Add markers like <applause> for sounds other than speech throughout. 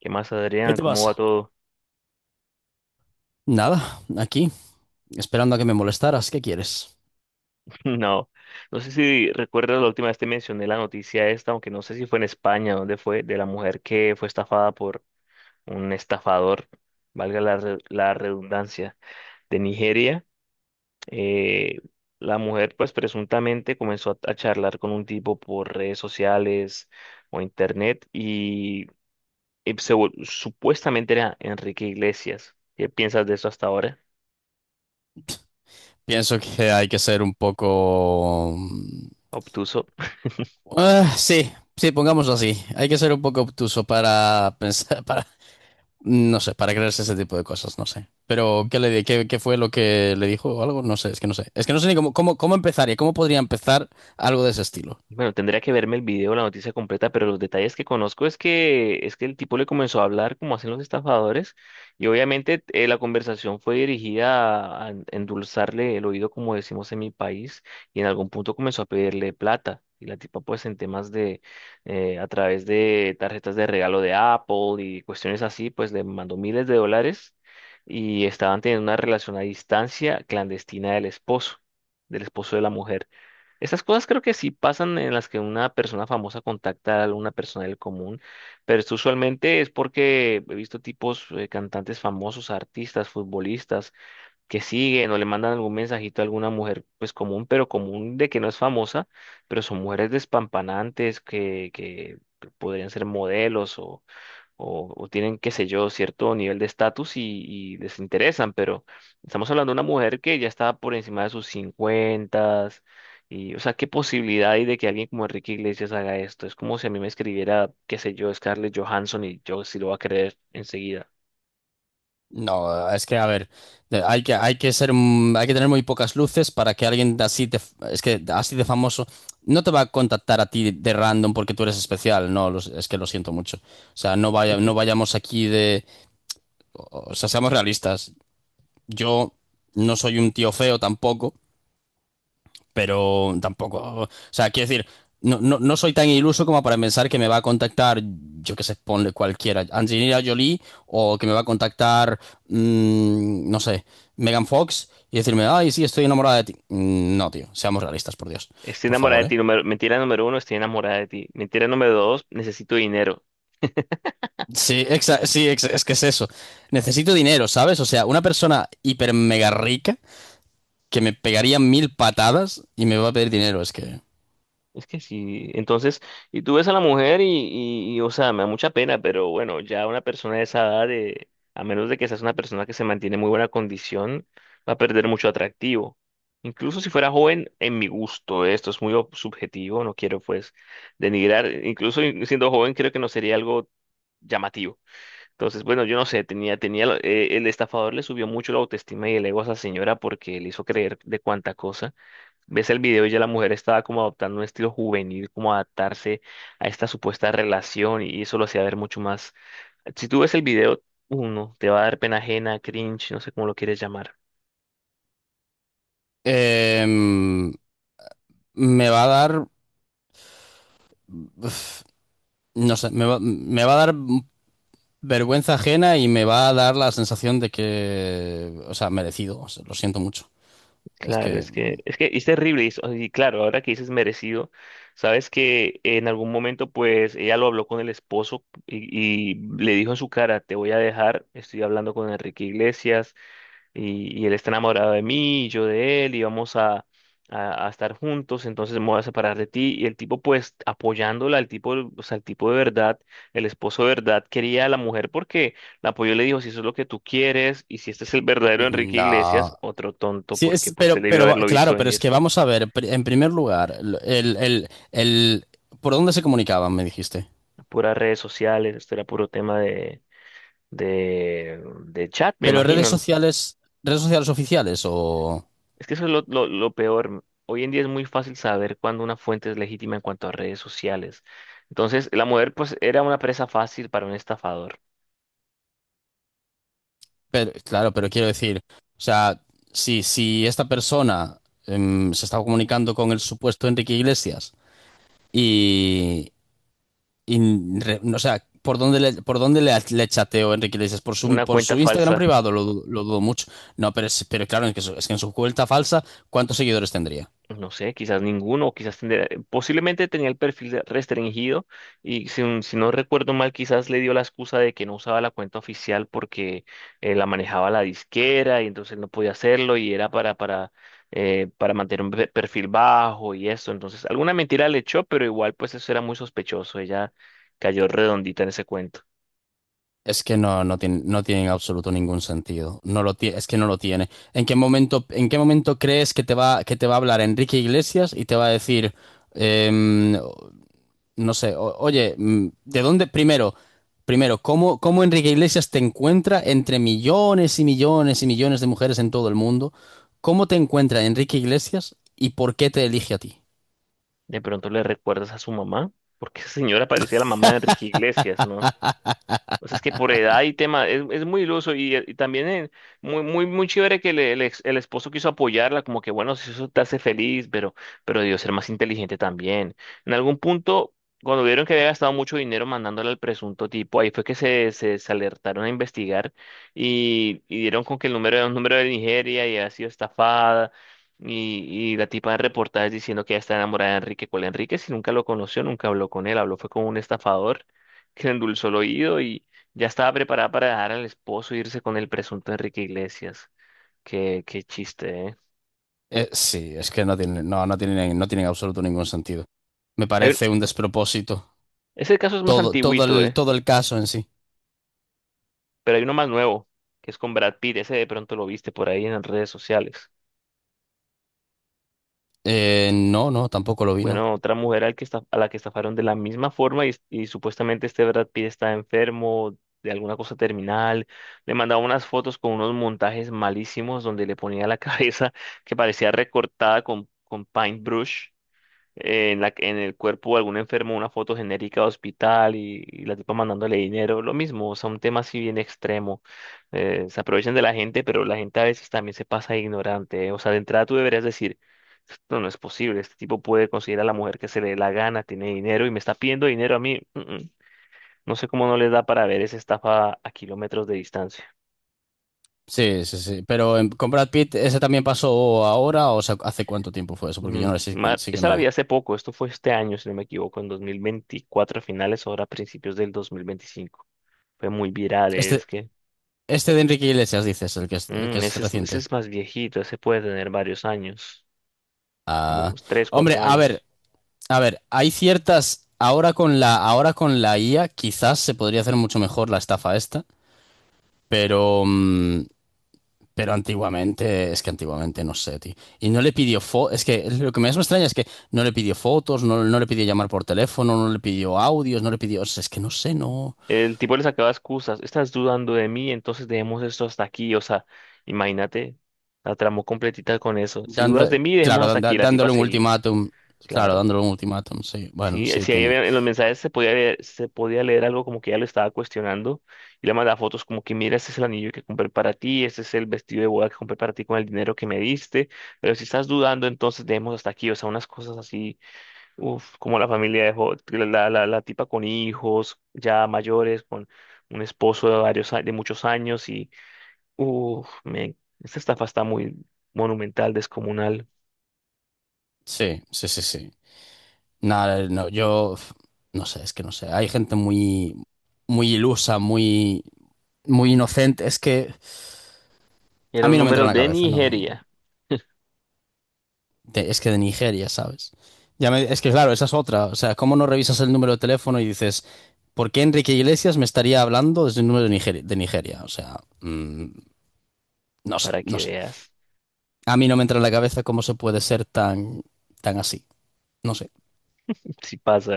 ¿Qué más, ¿Qué Adrián? te ¿Cómo va pasa? todo? Nada, aquí, esperando a que me molestaras. ¿Qué quieres? <laughs> No, no sé si recuerdas la última vez te mencioné la noticia esta, aunque no sé si fue en España, ¿dónde fue? De la mujer que fue estafada por un estafador, la redundancia, de Nigeria. Eh, la mujer, pues presuntamente comenzó a charlar con un tipo por redes sociales o internet y supuestamente era Enrique Iglesias. ¿Qué piensas de eso hasta ahora? Pienso que hay que ser un poco... Obtuso. Ah, sí, sí, pongámoslo así. Hay que ser un poco obtuso para <laughs> pensar, para... No sé, para creerse ese tipo de cosas, no sé. Pero, ¿qué, qué fue lo que le dijo o algo? No sé, es que no sé. Es que no sé ni cómo empezaría, cómo podría empezar algo de ese estilo. Bueno, tendría que verme el video, la noticia completa, pero los detalles que conozco es que el tipo le comenzó a hablar como hacen los estafadores y obviamente la conversación fue dirigida a endulzarle el oído, como decimos en mi país, y en algún punto comenzó a pedirle plata. Y la tipa pues en temas de, a través de tarjetas de regalo de Apple y cuestiones así, pues le mandó miles de dólares y estaban teniendo una relación a distancia clandestina del esposo de la mujer. Esas cosas creo que sí pasan en las que una persona famosa contacta a alguna persona del común, pero esto usualmente es porque he visto tipos cantantes famosos, artistas, futbolistas que siguen o le mandan algún mensajito a alguna mujer pues común, pero común de que no es famosa, pero son mujeres despampanantes que podrían ser modelos o tienen, qué sé yo, cierto nivel de estatus y les interesan, pero estamos hablando de una mujer que ya está por encima de sus cincuentas y, o sea, ¿qué posibilidad hay de que alguien como Enrique Iglesias haga esto? Es como si a mí me escribiera, qué sé yo, Scarlett Johansson y yo sí lo voy a creer enseguida. No, es que a ver, hay que ser, hay que tener muy pocas luces para que alguien de así de, f- es que de- así de famoso no te va a contactar a ti de random porque tú eres especial, no, es que lo siento mucho. O sea, no vayamos aquí de, o sea, seamos realistas. Yo no soy un tío feo tampoco pero tampoco. O sea, quiero decir, no soy tan iluso como para pensar que me va a contactar, yo qué sé, ponle cualquiera, Angelina Jolie, o que me va a contactar, no sé, Megan Fox, y decirme, ay, sí, estoy enamorada de ti. No, tío, seamos realistas, por Dios, Estoy por enamorada favor, de ¿eh? ti, mentira número uno, estoy enamorada de ti. Mentira número dos, necesito dinero. Sí, sí, es que es eso. Necesito dinero, ¿sabes? O sea, una persona hiper mega rica que me pegaría mil patadas y me va a pedir dinero, es que... Es que sí, entonces, y tú ves a la mujer y, o sea, me da mucha pena, pero bueno, ya una persona de esa edad, a menos de que seas una persona que se mantiene en muy buena condición, va a perder mucho atractivo. Incluso si fuera joven, en mi gusto, esto es muy subjetivo, no quiero pues denigrar, incluso siendo joven creo que no sería algo llamativo. Entonces, bueno, yo no sé, el estafador le subió mucho la autoestima y el ego a esa señora porque le hizo creer de cuánta cosa. Ves el video y ya la mujer estaba como adoptando un estilo juvenil, como adaptarse a esta supuesta relación y eso lo hacía ver mucho más. Si tú ves el video, uno, te va a dar pena ajena, cringe, no sé cómo lo quieres llamar. Em, me va a dar... uf. No sé, me va a dar vergüenza ajena y me va a dar la sensación de que, o sea, merecido, o sea, lo siento mucho. Es Claro, que, es que es terrible y claro, ahora que dices merecido, sabes que en algún momento pues ella lo habló con el esposo y le dijo en su cara, te voy a dejar, estoy hablando con Enrique Iglesias. Y y, él está enamorado de mí, y yo de él, y vamos a estar juntos, entonces me voy a separar de ti. Y el tipo, pues, apoyándola, el tipo, o sea, el tipo de verdad, el esposo de verdad, quería a la mujer porque la apoyó y le dijo, si eso es lo que tú quieres, y si este es el verdadero Enrique Iglesias, no. otro tonto, Sí, porque es, pues se debió pero, haberlo visto claro, pero es venir. que vamos a ver, en primer lugar, ¿por dónde se comunicaban, me dijiste? Puras redes sociales, esto era puro tema de... De, de chat, me Pero imagino. redes ¿No? sociales, ¿redes sociales oficiales o...? Es que eso es lo peor. Hoy en día es muy fácil saber cuándo una fuente es legítima en cuanto a redes sociales. Entonces, la mujer pues era una presa fácil para un estafador, Pero claro, pero quiero decir, o sea, si esta persona se estaba comunicando con el supuesto Enrique Iglesias y... Y, no, o sea, ¿por dónde le, le chateo Enrique Iglesias? Una Por cuenta su Instagram falsa. privado? Lo, lo dudo mucho. No, pero, pero claro, es que, es que en su cuenta falsa, ¿cuántos seguidores tendría? No sé, quizás ninguno, o quizás posiblemente tenía restringido y si, si no recuerdo mal, quizás le dio la excusa de que no usaba la cuenta oficial porque la manejaba la disquera y entonces no podía hacerlo y era para mantener un perfil bajo y eso. Entonces, alguna mentira le echó, pero igual pues eso era muy sospechoso. Ella cayó redondita en ese cuento. Es que no, no tiene, no tiene en absoluto ningún sentido. No lo tie- Es que no lo tiene. ¿En qué momento, ¿en qué momento crees que que te va a hablar Enrique Iglesias y te va a decir, em, no sé, oye, ¿de dónde? Primero, primero, ¿cómo, cómo Enrique Iglesias te encuentra entre millones y millones y millones de mujeres en todo el mundo? ¿Cómo te encuentra Enrique Iglesias y por qué te elige a ti? De pronto le recuerdas a su mamá, porque esa señora parecía la mamá de Enrique Iglesias, ¿no? O sea, es que por edad y tema, es muy iluso y también muy chévere que le- el, ex- el esposo quiso apoyarla, como que bueno, si eso te hace feliz, pero debió ser más inteligente también. En algún punto, cuando vieron que había gastado mucho dinero mandándole al presunto tipo, ahí fue que se alertaron a investigar y dieron con que el número era un número de Nigeria y había sido estafada. Y, y la tipa de reportajes diciendo que ella está enamorada de Enrique. ¿Cuál Enrique? Si nunca lo conoció, nunca habló con él, habló fue con un estafador que le endulzó el oído ya estaba preparada para dejar al esposo e irse con el presunto Enrique Iglesias. Qué, qué chiste, ¿eh? Sí, es que no tiene, no, no tiene, no tiene en absoluto ningún sentido. Me Hay un- parece un despropósito. Ese caso es más Todo, antiguito, ¿eh? todo el caso en sí. Pero hay uno más nuevo, que es con Brad Pitt. Ese de pronto lo viste por ahí en las redes sociales. No, no, tampoco lo vi, no. Bueno, otra mujer al que a la que estafaron de la misma forma y supuestamente este Brad Pitt está enfermo de alguna cosa terminal. Le mandaba unas fotos con unos montajes malísimos donde le ponía la <laughs> cabeza que parecía recortada con paintbrush en el cuerpo de algún enfermo una foto genérica de hospital y la tipa mandándole dinero, lo mismo, o sea, un tema así bien extremo. Se aprovechan de la gente, pero la gente a veces también se pasa de ignorante, eh. O sea, de entrada tú deberías decir, esto no es posible, este tipo puede conseguir a la mujer que se le dé la gana, tiene dinero y me está pidiendo dinero a mí. Mm, mm. No sé cómo no les da para ver esa estafa a kilómetros de distancia. Sí, sí, sí. Pero con Brad Pitt, ¿ese también pasó ahora o sea, hace cuánto tiempo fue eso? Porque yo no sé, sí que Esa la no. vi hace poco, esto fue este año, si no me equivoco, en 2024 a finales, ahora a principios del 2025. Fue muy viral, es Este, que Este de Enrique Iglesias, dices, el que es ese reciente. es más viejito, ese puede tener varios años, como Ah, unos 3 hombre, 4 años. a ver, hay ciertas. Ahora con la IA, quizás se podría hacer mucho mejor la estafa esta, pero, pero antiguamente, es que antiguamente no sé, tío. Y no le pidió fo, es que lo que más me extraña es que no le pidió fotos, no, no le pidió llamar por teléfono, no le pidió audios, no le pidió, o sea, es que no sé, no. El tipo le sacaba excusas, estás dudando de mí, entonces dejemos esto hasta aquí, o sea, imagínate, la tramó completita con eso. Si dudas Dando- de mí, dejemos claro, hasta aquí, la tipa dándole un seguía, ultimátum, claro, claro. dándole un ultimátum, sí, bueno, Sí, sí, sí, tiene, en los mensajes se podía leer algo como que ella lo estaba cuestionando y le mandaba fotos como que mira, este es el anillo que compré para ti, este es el vestido de boda que compré para ti con el dinero que me diste, pero si estás dudando, entonces dejemos hasta aquí, o sea, unas cosas así, uf, como la familia dejó, la tipa con hijos ya mayores, con un esposo de de muchos años uff, men, esta estafa está muy monumental, descomunal. sí, sí, sí, sí. Nada, no, yo no sé, es que no sé. Hay gente muy, muy ilusa, muy, muy inocente. Es que a Era un mí no me entra número en la de cabeza, no. Nigeria, Es que de Nigeria, ¿sabes? Es que claro, esa es otra. O sea, ¿cómo no revisas el número de teléfono y dices, ¿por qué Enrique Iglesias me estaría hablando desde un número de Nigeria? ¿De Nigeria? O sea, no sé, para no que sé. veas A mí no me entra en la cabeza cómo se puede ser tan, tan así. No sé. <laughs> si pasa.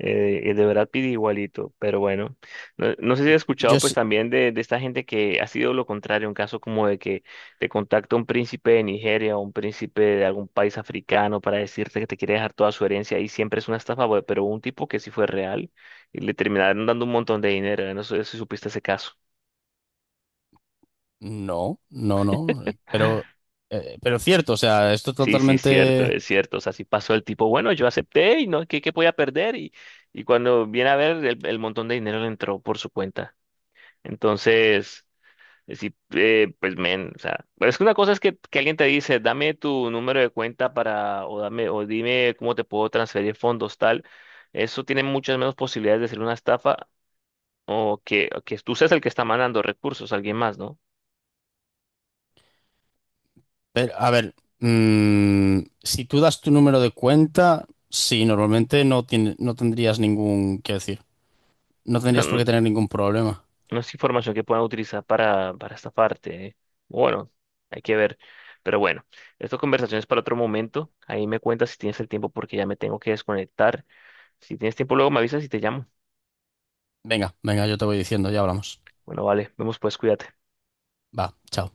El de Brad Pitt igualito, pero bueno, no, no sé si has Yo, escuchado pues sí. también de esta gente que ha sido lo contrario, un caso como de que te contacta un príncipe de Nigeria o un príncipe de algún país africano para decirte que te quiere dejar toda su herencia y siempre es una estafa, pero hubo un tipo que sí fue real y le terminaron dando un montón de dinero, no. No sé si supiste ese caso. No, no, no, <laughs> pero cierto, o sea, esto Sí, sí, es cierto, totalmente... es cierto. O sea, si pasó el tipo, bueno, yo acepté y no, ¿qué, qué podía perder? Y cuando viene a ver, el montón de dinero le entró por su cuenta. Entonces, sí, pues men, o sea, pero es que una cosa es que alguien te dice, dame tu número de cuenta para, o dame, o dime cómo te puedo transferir fondos, tal. Eso tiene muchas menos posibilidades de ser una estafa o que tú seas el que está mandando recursos a alguien más, ¿no? pero, a ver, si tú das tu número de cuenta, sí, normalmente no tiene, no tendrías ningún, qué decir, no O sea, tendrías por no, qué tener ningún problema. no es información que puedan utilizar para estafarte, ¿eh? Bueno, hay que ver. Pero bueno, esta conversación es para otro momento. Ahí me cuentas si tienes el tiempo porque ya me tengo que desconectar. Si tienes tiempo, luego me avisas y te llamo. Venga, venga, yo te voy diciendo, ya hablamos. Bueno, vale, vemos pues, cuídate. Va, chao.